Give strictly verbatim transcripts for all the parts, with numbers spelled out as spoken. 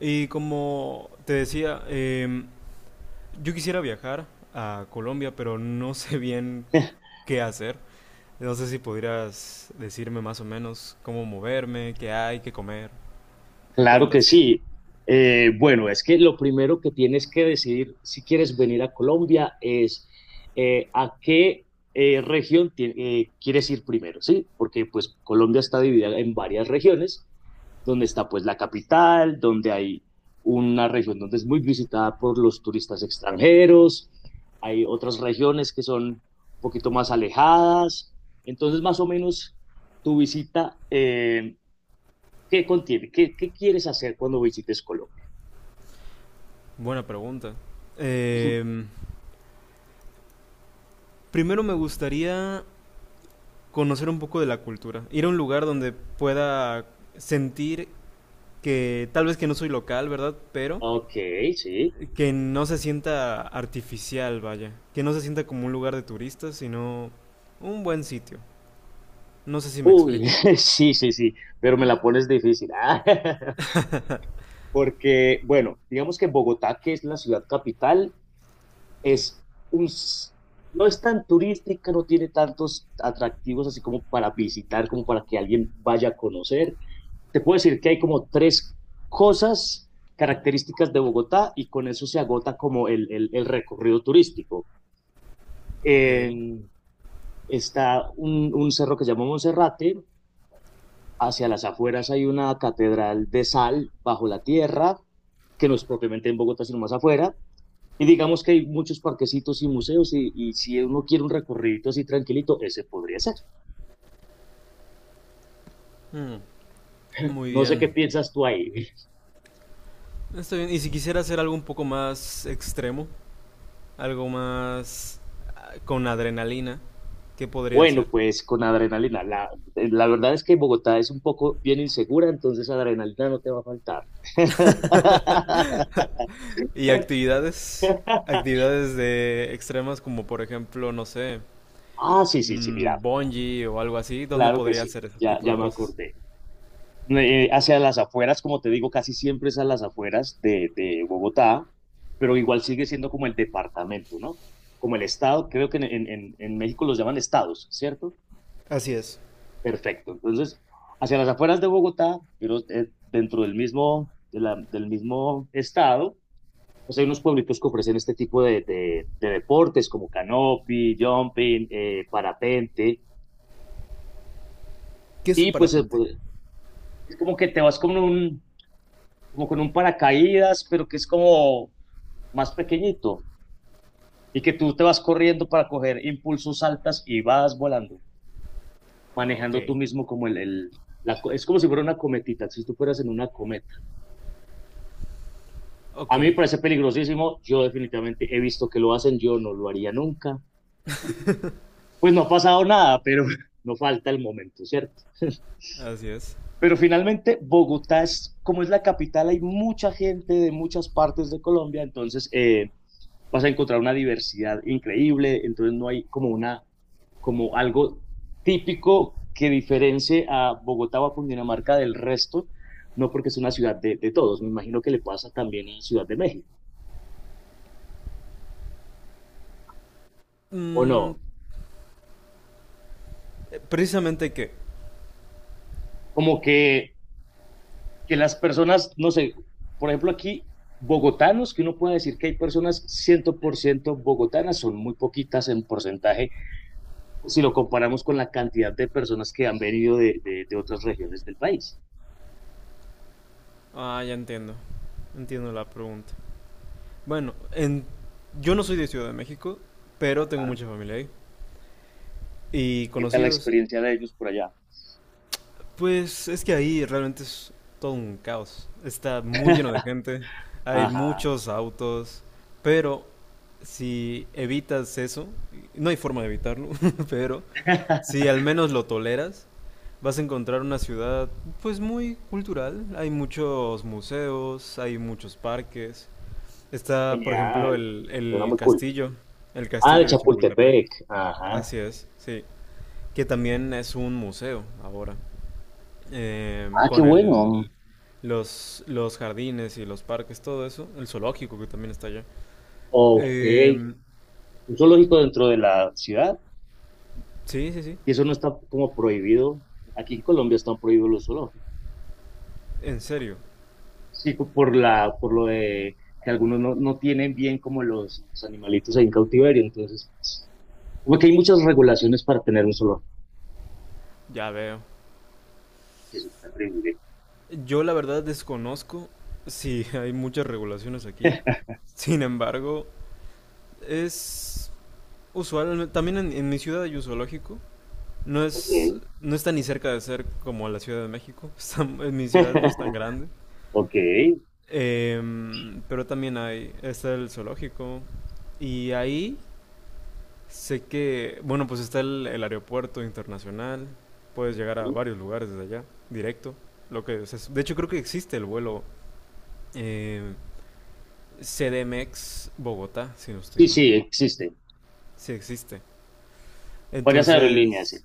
Y como te decía, eh, yo quisiera viajar a Colombia, pero no sé bien qué hacer. No sé si podrías decirme más o menos cómo moverme, qué hay, qué comer. ¿Me Claro que cuentas? sí. Eh, bueno, es que lo primero que tienes que decidir si quieres venir a Colombia es eh, a qué eh, región ti- eh, quieres ir primero, ¿sí? Porque pues Colombia está dividida en varias regiones, donde está pues la capital, donde hay una región donde es muy visitada por los turistas extranjeros, hay otras regiones que son un poquito más alejadas, entonces más o menos tu visita. eh, ¿Qué contiene? ¿Qué, qué quieres hacer cuando visites Colombia? Buena pregunta. Eh, Primero me gustaría conocer un poco de la cultura, ir a un lugar donde pueda sentir que tal vez que no soy local, ¿verdad? Pero Ok, sí. que no se sienta artificial, vaya. Que no se sienta como un lugar de turistas, sino un buen sitio. No sé si me Uy, explico. sí, sí, sí, pero me la pones difícil. Ah, Porque, bueno, digamos que Bogotá, que es la ciudad capital, es un, s- no es tan turística, no tiene tantos atractivos así como para visitar, como para que alguien vaya a conocer. Te puedo decir que hay como tres cosas características de Bogotá y con eso se agota como el, el- el recorrido turístico. Ok. En- Está un, un cerro que se llama Monserrate, hacia las afueras hay una catedral de sal bajo la tierra, que no es propiamente en Bogotá, sino más afuera, y digamos que hay muchos parquecitos y museos, y, y si uno quiere un recorrido así tranquilito, ese podría ser. Mm, muy No sé bien. qué piensas tú ahí. Está bien. ¿Y si quisiera hacer algo un poco más extremo, algo más ah, con adrenalina, qué podría hacer? Bueno, pues con adrenalina. La, la verdad es que Bogotá es un poco bien insegura, entonces adrenalina no te va a faltar. Y actividades, actividades de extremas como por ejemplo, no sé, Ah, sí, sí, sí, mm, mira, ¿bungee o algo así, dónde claro que podría sí, hacer ese ya, tipo ya de me cosas? acordé. Eh, hacia las afueras, como te digo, casi siempre es a las afueras de, de Bogotá, pero igual sigue siendo como el departamento, ¿no? Como el estado, creo que en, en- en- en México los llaman estados, ¿cierto? Así es. Perfecto. Entonces, hacia las afueras de Bogotá, pero eh, dentro del mismo, de la- del mismo estado, pues hay unos pueblitos que ofrecen este tipo de, de- de deportes como canopy, jumping, eh, parapente, ¿Qué es el y pues eh, parapente? pues, es como que te vas con un como con un paracaídas, pero que es como, más pequeñito y que tú te vas corriendo para coger impulsos altas y vas volando, Ok. manejando tú mismo como el... el la, es como si fuera una cometita, si tú fueras en una cometa. Ok, A mí me parece peligrosísimo, yo definitivamente he visto que lo hacen, yo no lo haría nunca. Pues no ha pasado nada, pero no falta el momento, ¿cierto? así es. Pero finalmente, Bogotá es, como es la capital, hay mucha gente de muchas partes de Colombia, entonces eh, vas a encontrar una diversidad increíble, entonces no hay como una, como algo típico que diferencie a Bogotá o a Cundinamarca del resto, no porque es una ciudad de, de todos, me imagino que le pasa también a la Ciudad de México, ¿o Mm, no? eh, precisamente qué. Como que que las personas, no sé, por ejemplo aquí, bogotanos, que uno pueda decir que hay personas cien por ciento bogotanas, son muy poquitas en porcentaje si lo comparamos con la cantidad de personas que han venido de, de, de otras regiones del país. Ah, ya entiendo. Entiendo la pregunta. Bueno, en... yo no soy de Ciudad de México, pero tengo Ajá. mucha familia ahí. Y ¿Qué tal la conocidos. experiencia de ellos por allá? Pues es que ahí realmente es todo un caos. Está muy lleno de gente. Hay Ajá. muchos autos. Pero si evitas eso, no hay forma de evitarlo, pero si al menos lo toleras, vas a encontrar una ciudad pues muy cultural. Hay muchos museos, hay muchos parques. Está, por ejemplo, Genial. el, Suena el muy cool. castillo, el Ah, de castillo de Chapultepec. Chapultepec. Ajá. Así es, sí. Que también es un museo ahora. Em, Ah, qué Con el, bueno. los, los jardines y los parques, todo eso. El zoológico que también está allá. Ok. Em, Un zoológico dentro de la ciudad. sí, sí, sí. Y eso no está como prohibido. Aquí en Colombia están prohibidos los zoológicos. En serio. Sí, co- por la, por lo de que algunos no, no tienen bien como los, los animalitos ahí en cautiverio, entonces, pues, como que hay muchas regulaciones para tener un solo. Ya veo. Eso está terrible. Yo la verdad desconozco si hay muchas regulaciones aquí. Sin embargo, es usual. También en, en mi ciudad hay un zoológico. No Ok. es, no está ni cerca de ser como la Ciudad de México. Está- en mi ciudad no es tan grande. Ok. Em, pero también hay, está el zoológico. Y ahí sé que, bueno, pues está el, el aeropuerto internacional. Puedes llegar a varios lugares desde allá, directo. Lo que, o sea, de hecho creo que existe el vuelo eh, C D M X Bogotá, si no estoy Sí, mal. sí, existe. Sí existe. Varias aerolíneas, sí. Entonces,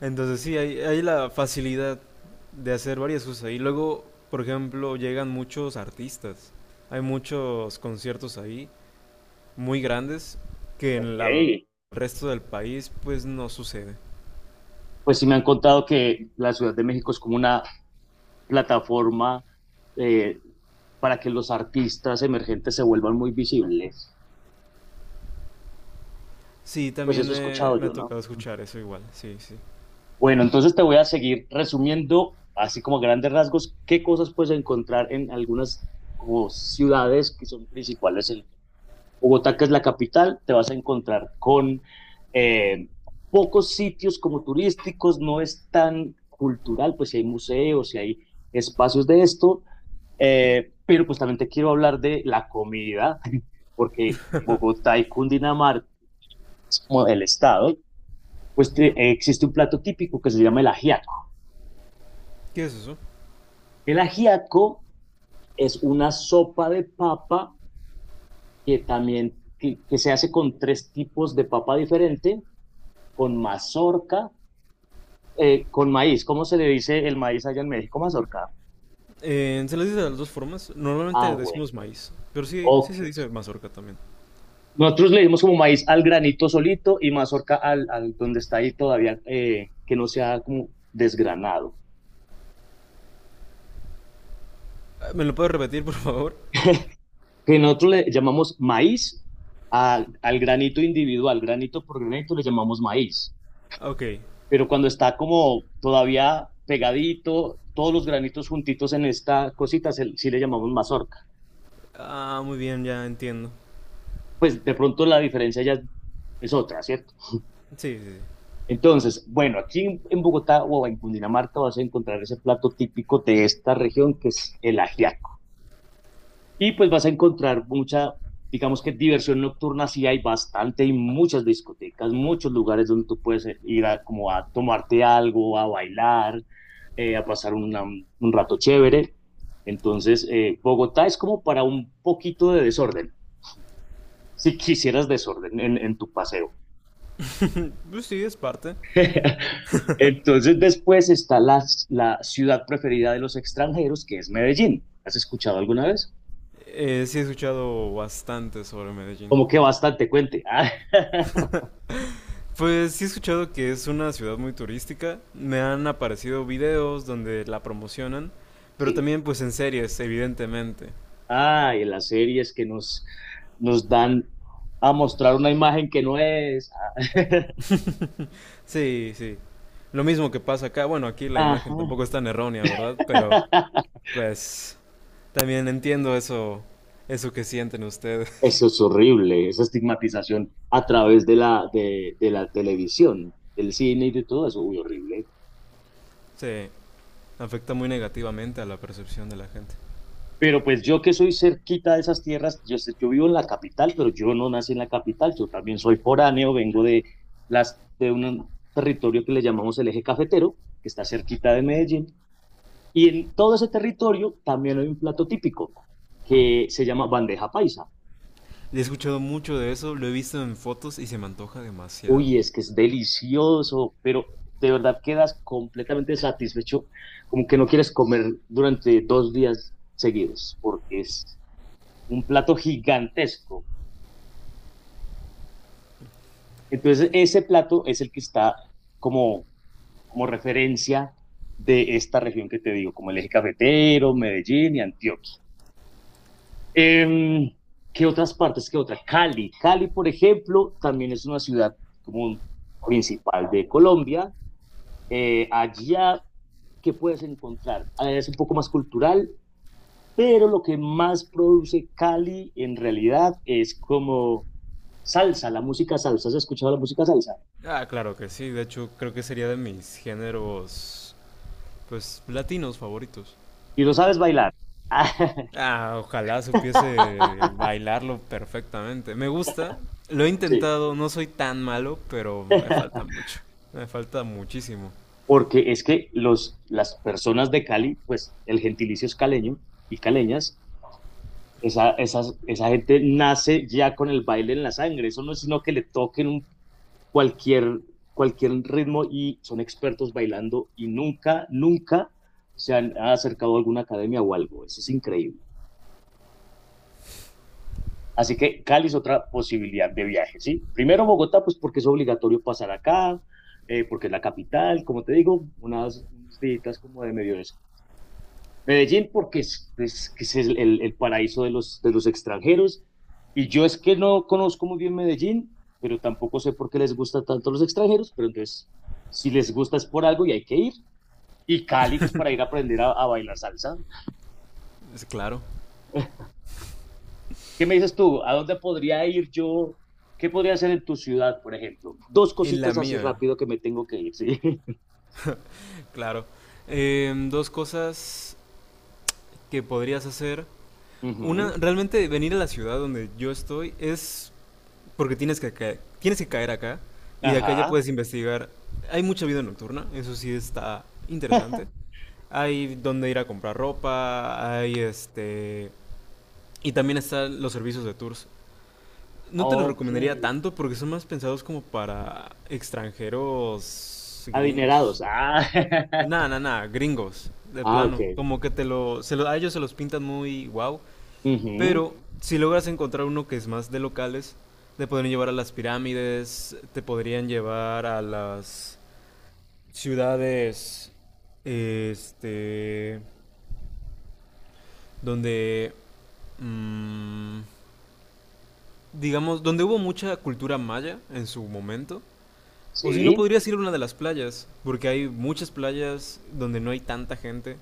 entonces sí, hay, hay la facilidad de hacer varias cosas. Y luego, por ejemplo, llegan muchos artistas. Hay muchos conciertos ahí, muy grandes, que en Ok. la- el resto del país pues no sucede. Pues sí me han contado que la Ciudad de México es como una plataforma eh, para que los artistas emergentes se vuelvan muy visibles. Sí, Pues también eso he eh, escuchado me ha yo, ¿no? tocado escuchar eso igual, sí, sí. Bueno, entonces te voy a seguir resumiendo, así como a grandes rasgos, qué cosas puedes encontrar en algunas como ciudades que son principales. En Bogotá, que es la capital, te vas a encontrar con eh, pocos sitios como turísticos, no es tan cultural, pues si hay museos, si hay espacios de esto, eh, pero pues también te quiero hablar de la comida, porque Bogotá y Cundinamarca, como el estado, pues te- existe un plato típico que se llama el ajiaco. ¿Qué es eso? El ajiaco es una sopa de papa que también que, que se hace con tres tipos de papa diferente, con mazorca, eh, con maíz. ¿Cómo se le dice el maíz allá en México? Mazorca. Eh, se les dice de las dos formas. Ah, Normalmente bueno. decimos maíz, pero sí, sí Ok. se dice mazorca también. Nosotros le dimos como maíz al granito solito y mazorca al, al donde está ahí todavía, eh, que no sea como desgranado. Ah, ¿me lo puedes repetir, por favor? Que nosotros le llamamos maíz a- al granito individual, granito por granito le llamamos maíz. Ok. Pero cuando está como todavía pegadito, todos los granitos juntitos en esta cosita, se- sí le llamamos mazorca. Ah, muy bien, ya entiendo. Pues de pronto la diferencia ya es- es otra, ¿cierto? Sí, sí. Entonces, bueno, aquí en, en Bogotá o en Cundinamarca vas a encontrar ese plato típico de esta región que es el ajiaco. Y pues vas a encontrar mucha, digamos que diversión nocturna, sí hay bastante, hay muchas discotecas, muchos lugares donde tú puedes ir a, como a tomarte algo, a bailar, eh, a pasar una- un rato chévere. Entonces, eh, Bogotá es como para un poquito de desorden, si quisieras desorden en, en tu paseo. Sí. Pues sí, es parte. Entonces, después está la, la ciudad preferida de los extranjeros, que es Medellín. ¿Has escuchado alguna vez? Eh, sí he escuchado bastante sobre Medellín. Como que bastante, cuente. Ah, Pues sí he escuchado que es una ciudad muy turística. Me han aparecido videos donde la promocionan, pero sí. también pues en series, evidentemente. Ah, y las series que nos, nos dan a mostrar una imagen que no es. Sí, sí. Lo mismo que pasa acá. Bueno, aquí la imagen Ajá. tampoco es tan errónea, ¿verdad? Pero pues también entiendo eso, eso que sienten ustedes. Eso es horrible, esa estigmatización a través de la, de, de la televisión, del cine y de todo eso, uy, horrible. Sí, afecta muy negativamente a la percepción de la gente. Pero pues yo que soy cerquita de esas tierras, yo, sé- yo vivo en la capital, pero yo no nací en la capital, yo también soy foráneo, vengo de, las, de un territorio que le llamamos el eje cafetero, que está cerquita de Medellín. Y en todo ese territorio también hay un plato típico que se llama bandeja paisa. He escuchado mucho de eso, lo he visto en fotos y se me antoja demasiado. Uy, es que es delicioso, pero de verdad quedas completamente satisfecho, como que no quieres comer durante dos días seguidos, porque es un plato gigantesco. Entonces, ese plato es el que está como, como referencia de esta región que te digo, como el eje cafetero, Medellín y Antioquia. Em, ¿Qué otras partes? ¿Qué otra? Cali. Cali, por ejemplo, también es una ciudad como un principal de Colombia. Eh, allá, ¿qué puedes encontrar? Ah, es un poco más cultural, pero lo que más produce Cali en realidad es como salsa, la música salsa. ¿Has escuchado la música salsa? Ah, claro que sí, de hecho creo que sería de mis géneros, pues, latinos favoritos. Y lo sabes bailar. Ah, ojalá supiese bailarlo perfectamente. Me gusta, lo he Sí, intentado, no soy tan malo, pero me falta mucho. Me falta muchísimo. porque es que los, las personas de Cali, pues el gentilicio es caleño y caleñas. Esa, esas- esa gente nace ya con el baile en la sangre. Eso no es sino que le toquen un- cualquier, cualquier ritmo y son expertos bailando y nunca, nunca se han acercado a alguna academia o algo. Eso es increíble. Así que Cali es otra posibilidad de viaje, ¿sí? Primero Bogotá, pues porque es obligatorio pasar acá, eh, porque es la capital, como te digo, unas, unos días como de medio. Medellín porque es, es, que es el, el el paraíso de los, de los extranjeros. Y yo es que no conozco muy bien Medellín, pero tampoco sé por qué les gusta tanto a los extranjeros, pero entonces, si les gusta es por algo y hay que ir. Y Cali, pues para ir a aprender a, a bailar salsa. Es claro. ¿Qué me dices tú? ¿A dónde podría ir yo? ¿Qué podría hacer en tu ciudad, por ejemplo? Dos En la cositas así mía, rápido que me tengo que ir, ¿sí? claro. Em, dos cosas que podrías hacer. Una, Ujú. realmente venir a la ciudad donde yo estoy es porque tienes que caer, tienes que caer acá y de acá ya Ajá. puedes investigar. Hay mucha vida nocturna, eso sí está interesante. Hay donde ir a comprar ropa, hay este... Y también están los servicios de tours. No te los Ok. recomendaría tanto porque son más pensados como para extranjeros gringos. Adinerados. Ah, Nada, nada, nada, gringos, de Ah, ok. plano. Como que te lo, se lo- a ellos se los pintan muy wow, Ujú. pero si logras encontrar uno que es más de locales, te podrían llevar a las pirámides, te podrían llevar a las ciudades, este, donde, mm, digamos, donde hubo mucha cultura maya en su momento. O si no, Sí. podrías ir a una de las playas, porque hay muchas playas donde no hay tanta gente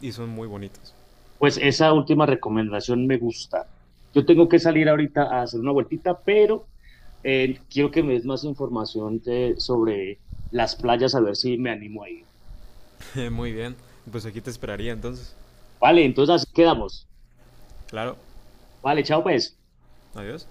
y son muy bonitas. Pues esa última recomendación me gusta. Yo tengo que salir ahorita a hacer una vueltita, pero eh, quiero que me des más información de- sobre las playas, a ver si me animo a ir. Muy bien, pues aquí te esperaría entonces. Vale, entonces así quedamos. Claro, Vale, chao pues. adiós.